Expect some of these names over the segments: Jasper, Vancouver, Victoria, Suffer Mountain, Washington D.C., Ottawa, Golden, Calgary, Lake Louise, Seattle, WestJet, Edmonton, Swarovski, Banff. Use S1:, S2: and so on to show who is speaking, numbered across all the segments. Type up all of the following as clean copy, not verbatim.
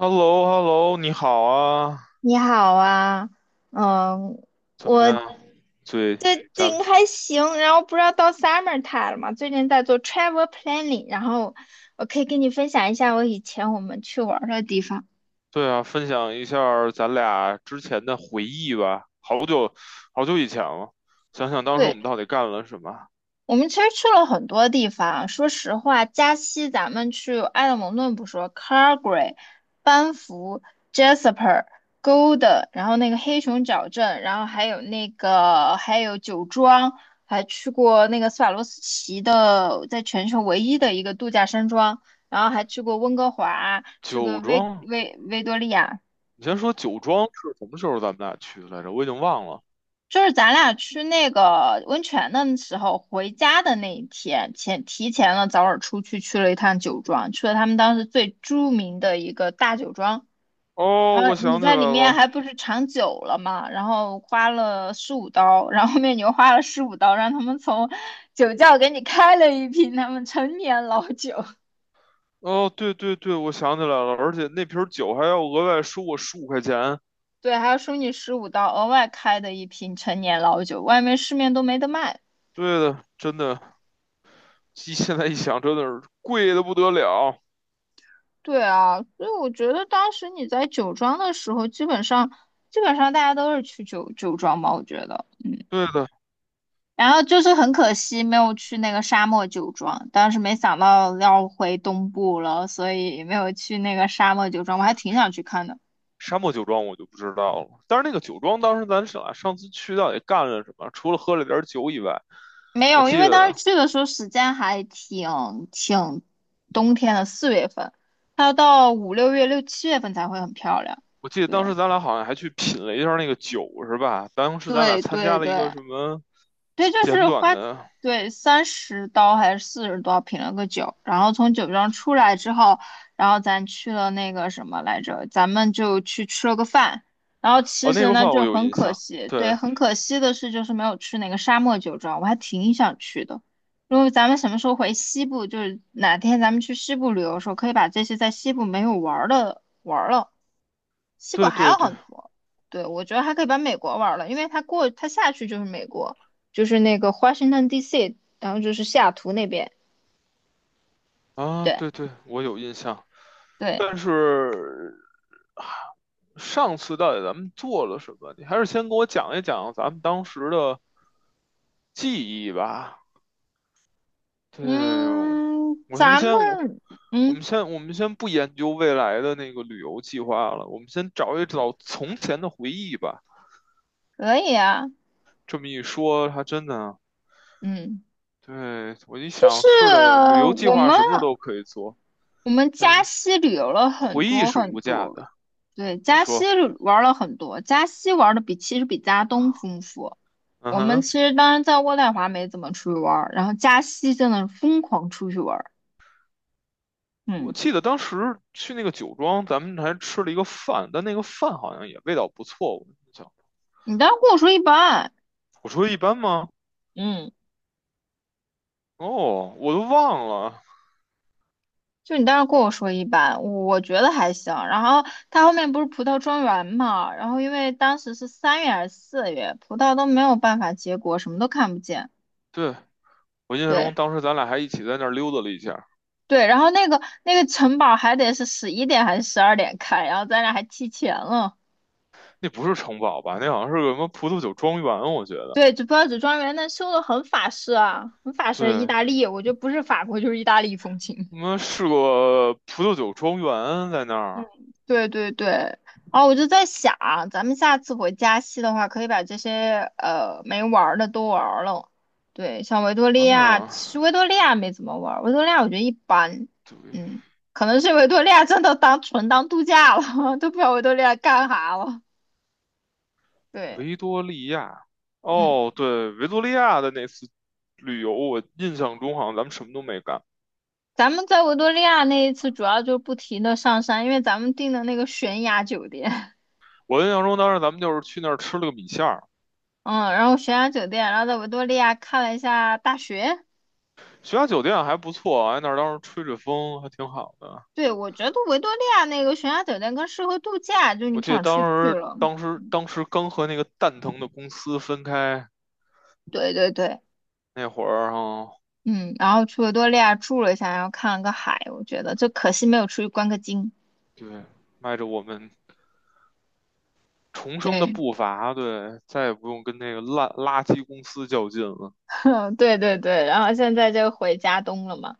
S1: h e l l o hello 你好啊，
S2: 你好啊。嗯，
S1: 怎
S2: 我
S1: 么样？对，
S2: 最
S1: 咱们
S2: 近还行，然后不知道到 summer time 了嘛，最近在做 travel planning，然后我可以跟你分享一下我以前我们去玩儿的地方
S1: 对啊，分享一下儿咱俩之前的回忆吧。好久以前了，想想当时我
S2: 对。
S1: 们到底干了什么？
S2: 我们其实去了很多地方，说实话，加西咱们去埃德蒙顿不说 c a r g a r y、 班夫、Jasper、Golden，然后那个黑熊角镇，然后还有酒庄，还去过那个斯瓦洛斯奇的，在全球唯一的一个度假山庄，然后还去过温哥华，去过
S1: 酒
S2: 维
S1: 庄，
S2: 维维多利亚，
S1: 你先说酒庄是什么时候咱们俩去来着？我已经忘了。
S2: 就是咱俩去那个温泉的时候，回家的那一天，提前了早点出去，去了一趟酒庄，去了他们当时最著名的一个大酒庄。
S1: 哦，
S2: 然后
S1: 我
S2: 你
S1: 想起来
S2: 在里面
S1: 了。
S2: 还不是尝酒了嘛，然后花了十五刀，然后后面你又花了十五刀，让他们从酒窖给你开了一瓶他们陈年老酒，
S1: 哦，对对对，我想起来了，而且那瓶儿酒还要额外收我15块钱。
S2: 对，还要收你十五刀额外开的一瓶陈年老酒，外面市面都没得卖。
S1: 对的，真的，一现在一想，真的是贵的不得了。
S2: 对啊，所以我觉得当时你在酒庄的时候，基本上大家都是去酒庄吧，我觉得。
S1: 对的，
S2: 然后就是很可惜没有去那个沙漠酒庄，当时没想到要回东部了，所以没有去那个沙漠酒庄，我还挺想去看的。
S1: 沙漠酒庄我就不知道了，但是那个酒庄当时咱俩上次去到底干了什么？除了喝了点酒以外，
S2: 没
S1: 我
S2: 有，因
S1: 记
S2: 为当
S1: 得
S2: 时去的时候时间还挺冬天的，4月份，它要到5、6月、6、7月份才会很漂亮。
S1: 我记得当
S2: 对
S1: 时咱俩好像还去品了一下那个酒，是吧？当时咱俩
S2: 对
S1: 参
S2: 对
S1: 加了一个
S2: 对，
S1: 什么
S2: 对，就
S1: 简
S2: 是
S1: 短
S2: 花，
S1: 的，
S2: 对，30刀还是40刀品了个酒，然后从酒庄出来之后，然后咱去了那个什么来着，咱们就去吃了个饭，然后其
S1: 哦，那
S2: 实
S1: 个
S2: 呢
S1: 饭我
S2: 就
S1: 有
S2: 很
S1: 印
S2: 可
S1: 象，
S2: 惜，对，
S1: 对
S2: 很可惜的是就是没有去那个沙漠酒庄，我还挺想去的。如果咱们什么时候回西部，就是哪天咱们去西部旅游的时候，可以把这些在西部没有玩儿的玩儿了。西部
S1: 对
S2: 还
S1: 对
S2: 有
S1: 对
S2: 很多。对，我觉得还可以把美国玩了，因为它过它下去就是美国，就是那个 Washington D.C.,然后就是西雅图那边。
S1: 啊，
S2: 对
S1: 对对，我有印象。
S2: 对。
S1: 但是啊上次到底咱们做了什么？你还是先给我讲一讲咱们当时的记忆吧。对，
S2: 嗯，
S1: 我什么
S2: 咱们
S1: 先我。我们
S2: 嗯
S1: 先我们先不研究未来的那个旅游计划了，我们先找一找从前的回忆吧。
S2: 可以啊。
S1: 这么一说，还真的啊，
S2: 嗯，
S1: 对，我一
S2: 就
S1: 想，
S2: 是
S1: 是的，旅游计
S2: 我
S1: 划
S2: 们
S1: 什么时候都可以做，
S2: 我们
S1: 但
S2: 加
S1: 是
S2: 西旅游了很
S1: 回忆
S2: 多
S1: 是
S2: 很
S1: 无价
S2: 多。
S1: 的。
S2: 对，
S1: 你
S2: 加西
S1: 说，
S2: 玩了很多，加西玩的其实比加东丰富。
S1: 嗯
S2: 我们
S1: 哼，
S2: 其实当然在渥太华没怎么出去玩儿，然后加西真的是疯狂出去玩。
S1: 我
S2: 嗯，
S1: 记得当时去那个酒庄，咱们还吃了一个饭，但那个饭好像也味道不错。我印象，
S2: 你当时跟我说一般。
S1: 我说一般吗？
S2: 嗯，
S1: 哦，我都忘了。
S2: 就你当时跟我说一般，我觉得还行。然后它后面不是葡萄庄园嘛，然后因为当时是3月还是四月，葡萄都没有办法结果，什么都看不见。
S1: 对，我印象中
S2: 对
S1: 当时咱俩还一起在那儿溜达了一下。
S2: 对，然后那个城堡还得是11点还是12点开，然后咱俩还提前了。
S1: 那不是城堡吧？那好像是个什么葡萄酒庄园，我觉得。
S2: 对，就葡萄只庄园那修的很法式意
S1: 对，
S2: 大利，我觉得不是法国就是意大利风情。
S1: 我们是个葡萄酒庄园在那
S2: 嗯，
S1: 儿。
S2: 对对对，然后我就在想啊，咱们下次回加西的话，可以把这些没玩儿的都玩儿了。对，像维多利亚，其
S1: 啊，
S2: 实维多利亚没怎么玩儿，维多利亚我觉得一般。
S1: 对，
S2: 嗯，可能是维多利亚真的当度假了，都不知道维多利亚干啥了。对。
S1: 维多利亚。
S2: 嗯，
S1: 哦，对，维多利亚的那次旅游，我印象中好像咱们什么都没干。
S2: 咱们在维多利亚那一次主要就不停的上山，因为咱们订的那个悬崖酒店，
S1: 我印象中当时咱们就是去那儿吃了个米线儿，
S2: 嗯，然后悬崖酒店，然后在维多利亚看了一下大学。
S1: 学校酒店还不错，哎，那儿当时吹着风还挺好的。
S2: 对，我觉得维多利亚那个悬崖酒店更适合度假，就你
S1: 我
S2: 不
S1: 记得
S2: 想
S1: 当
S2: 出去
S1: 时
S2: 了。
S1: 当时当时刚和那个蛋疼的公司分开
S2: 对对对。
S1: 那会儿哈、
S2: 嗯，然后去维多利亚住了一下，然后看了个海，我觉得就可惜没有出去观个景。
S1: 对，迈着我们重生的
S2: 对，
S1: 步伐，对，再也不用跟那个烂垃圾公司较劲了。
S2: 对对对，然后现在就回家东了嘛，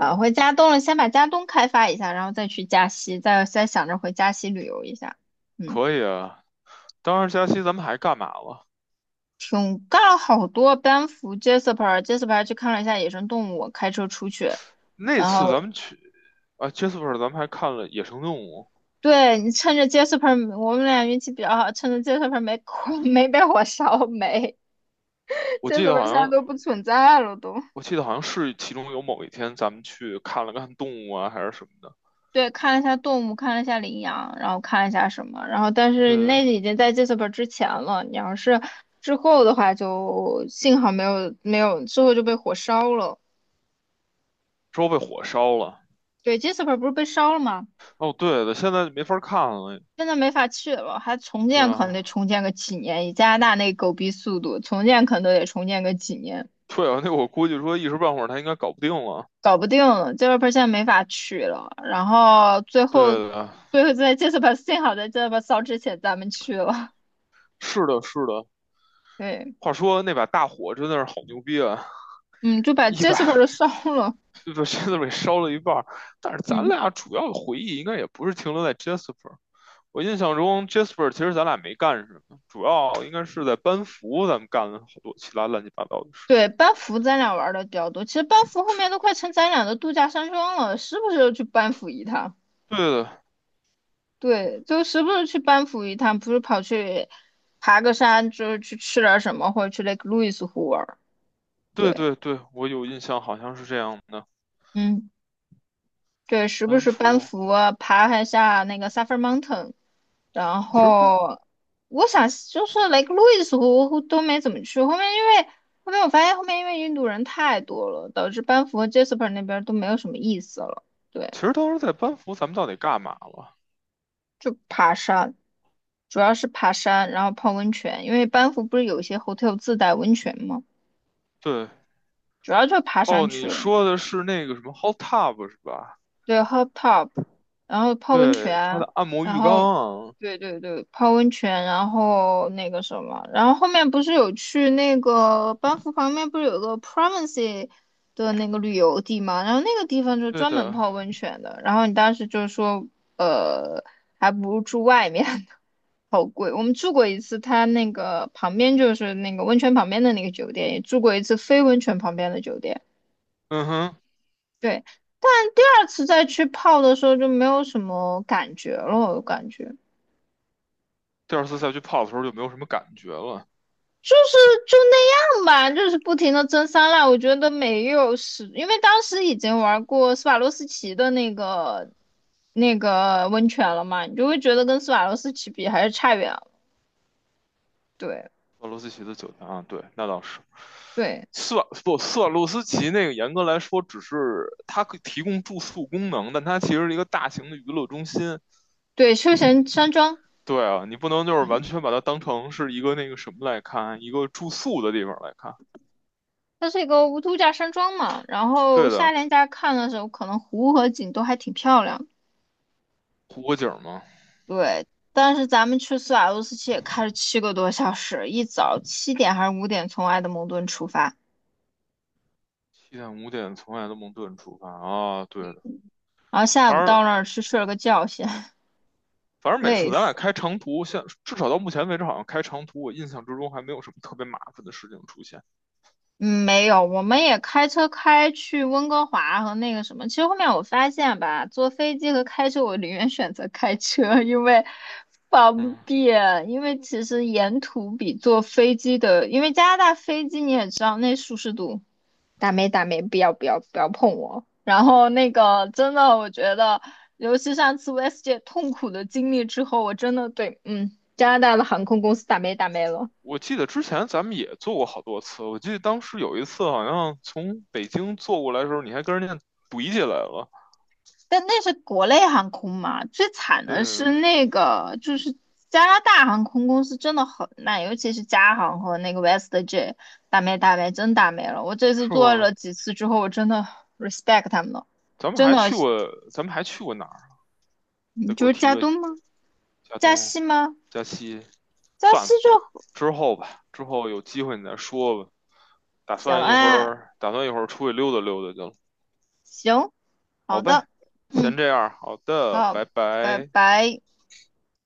S1: 对，
S2: 回家东了，先把家东开发一下，然后再去加西，再想着回加西旅游一下。嗯，
S1: 可以啊。当时假期咱们还干嘛了？
S2: 挺干了好多，班夫、Jasper、Jasper 去看了一下野生动物，开车出去。
S1: 那
S2: 然
S1: 次
S2: 后
S1: 咱们去啊，Jasper，咱们还看了野生动物。
S2: 对，你趁着 Jasper,我们俩运气比较好，趁着 Jasper 没火没被火烧没
S1: 我记
S2: ，Jasper
S1: 得好
S2: 现在
S1: 像，
S2: 都不存在了都。
S1: 我记得好像是其中有某一天咱们去看了看动物啊，还是什么的。
S2: 对，看了一下动物，看了一下羚羊，然后看了一下什么，然后但是
S1: 对，
S2: 那已经在 Jasper 之前了。你要是之后的话就，幸好没有，之后就被火烧了。
S1: 之后被火烧了。
S2: 对，Jasper 不是被烧了吗？
S1: 哦，对的，现在没法看了。
S2: 现在没法去了，还重
S1: 对
S2: 建可能
S1: 啊，
S2: 得重建个几年，以加拿大那狗逼速度，重建可能都得重建个几年。
S1: 对啊，那我估计说一时半会儿他应该搞不定了。
S2: 搞不定了，这个 p e r c e 没法取了。然后最后，
S1: 对的，
S2: 在 Jasper 幸好在 Jasper 烧之前咱们去了。
S1: 是的，是的。
S2: 对。
S1: 话说那把大火真的是好牛逼啊！
S2: 嗯，就把
S1: 一
S2: Jasper 都
S1: 百
S2: 烧了。
S1: 就吧 Cler 烧了一半但是咱
S2: 嗯，
S1: 俩主要的回忆应该也不是停留在 Jasper。我印象中，Jasper 其实咱俩没干什么，主要应该是在班服，咱们干了好多其他乱七八糟的事情。
S2: 对，班夫咱俩玩的比较多，其实班夫后面都快成咱俩的度假山庄了，时不时就去班夫一趟。
S1: 对的，
S2: 对，就时不时去班夫一趟，不是跑去爬个山，就是去吃点什么，或者去那个 k e l o u i s 湖玩。
S1: 对
S2: 对。
S1: 对对，我有印象，好像是这样的。
S2: 嗯，对，时不
S1: 班
S2: 时班
S1: 服，
S2: 夫啊爬一下那个 s u f f i r Mountain。然
S1: 其实
S2: 后我想就是雷克路易斯湖都没怎么去，后面我发现因为印度人太多了，导致班夫和 Jasper 那边都没有什么意思了。对，
S1: 其实当时在班服，咱们到底干嘛了？
S2: 就爬山，主要是爬山，然后泡温泉，因为班夫不是有一些 hotel 自带温泉吗？
S1: 对，
S2: 主要就是爬
S1: 哦，
S2: 山去
S1: 你
S2: 了。
S1: 说的是那个什么 hot tub 是吧？
S2: 对，hot tub,然后泡温
S1: 对，他
S2: 泉。
S1: 的按摩
S2: 然
S1: 浴缸
S2: 后
S1: 啊。
S2: 对对对，泡温泉，然后那个什么，然后后面不是有去那个班夫旁边不是有个 Province 的那个旅游地嘛，然后那个地方就
S1: 对
S2: 专门
S1: 的，
S2: 泡温泉的，然后你当时就说，呃，还不如住外面呢，好贵。我们住过一次，它那个旁边就是那个温泉旁边的那个酒店，也住过一次非温泉旁边的酒店。
S1: 嗯哼，
S2: 对，但第二次再去泡的时候就没有什么感觉了，我感觉
S1: 第二次再去泡的时候就没有什么感觉了。
S2: 就是就那样吧，就是不停的蒸桑拿，我觉得没有是，因为当时已经玩过斯瓦洛斯奇的那个温泉了嘛，你就会觉得跟斯瓦洛斯奇比还是差远了。对
S1: 斯瓦洛斯奇的酒店啊，对，那倒是。
S2: 对
S1: 斯瓦不，斯瓦洛斯奇那个严格来说只是它可以提供住宿功能，但它其实是一个大型的娱乐中心。
S2: 对，休闲山庄。
S1: 对啊，你不能就是完
S2: 嗯，
S1: 全把它当成是一个那个什么来看，一个住宿的地方来看。
S2: 它是一个度假山庄嘛，然后
S1: 对
S2: 夏
S1: 的，
S2: 天大家看的时候，可能湖和景都还挺漂亮的。
S1: 湖泊景嘛，
S2: 对，但是咱们去苏瓦洛斯奇也开了7个多小时，一早7点还是5点从埃德蒙顿出发，
S1: 七点五点从埃德蒙顿出发啊，对的，
S2: 然后
S1: 反
S2: 下午到
S1: 正
S2: 那儿去睡了个觉先，
S1: 反正每次
S2: 累
S1: 咱俩
S2: 死。
S1: 开长途，现至少到目前为止好像开长途，我印象之中还没有什么特别麻烦的事情出现。
S2: 嗯，没有，我们也开车开去温哥华和那个什么。其实后面我发现吧，坐飞机和开车，我宁愿选择开车，因为方
S1: 嗯，
S2: 便。因为其实沿途比坐飞机的，因为加拿大飞机你也知道那舒适度。打没打没，不要不要不要碰我。然后那个真的，我觉得，尤其上次 West 姐痛苦的经历之后，我真的对，嗯，加拿大的航空公司打没打没了。
S1: 我记得之前咱们也做过好多次，我记得当时有一次好像从北京坐过来的时候，你还跟人家怼起来了，
S2: 但那是国内航空嘛，最惨的是
S1: 对，
S2: 那个，就是加拿大航空公司真的很烂，尤其是加航和那个 WestJet,打没打没，真打没了。我这次
S1: 是
S2: 做
S1: 吗？
S2: 了几次之后，我真的 respect 他们了，
S1: 咱们
S2: 真
S1: 还
S2: 的，
S1: 去过，咱们还去过哪儿？
S2: 你
S1: 再给
S2: 就
S1: 我
S2: 是
S1: 提
S2: 加
S1: 个
S2: 东吗？
S1: 加
S2: 加
S1: 东、
S2: 西吗？
S1: 加西，
S2: 加
S1: 算
S2: 西
S1: 了，
S2: 就
S1: 之后吧，之后有机会你再说吧。打
S2: 行
S1: 算一会
S2: 啊，
S1: 儿，打算一会儿出去溜达溜达去了。
S2: 行，
S1: 好
S2: 好的。
S1: 呗，先
S2: 嗯，
S1: 这样，好的，
S2: 好，
S1: 拜
S2: 拜
S1: 拜。
S2: 拜。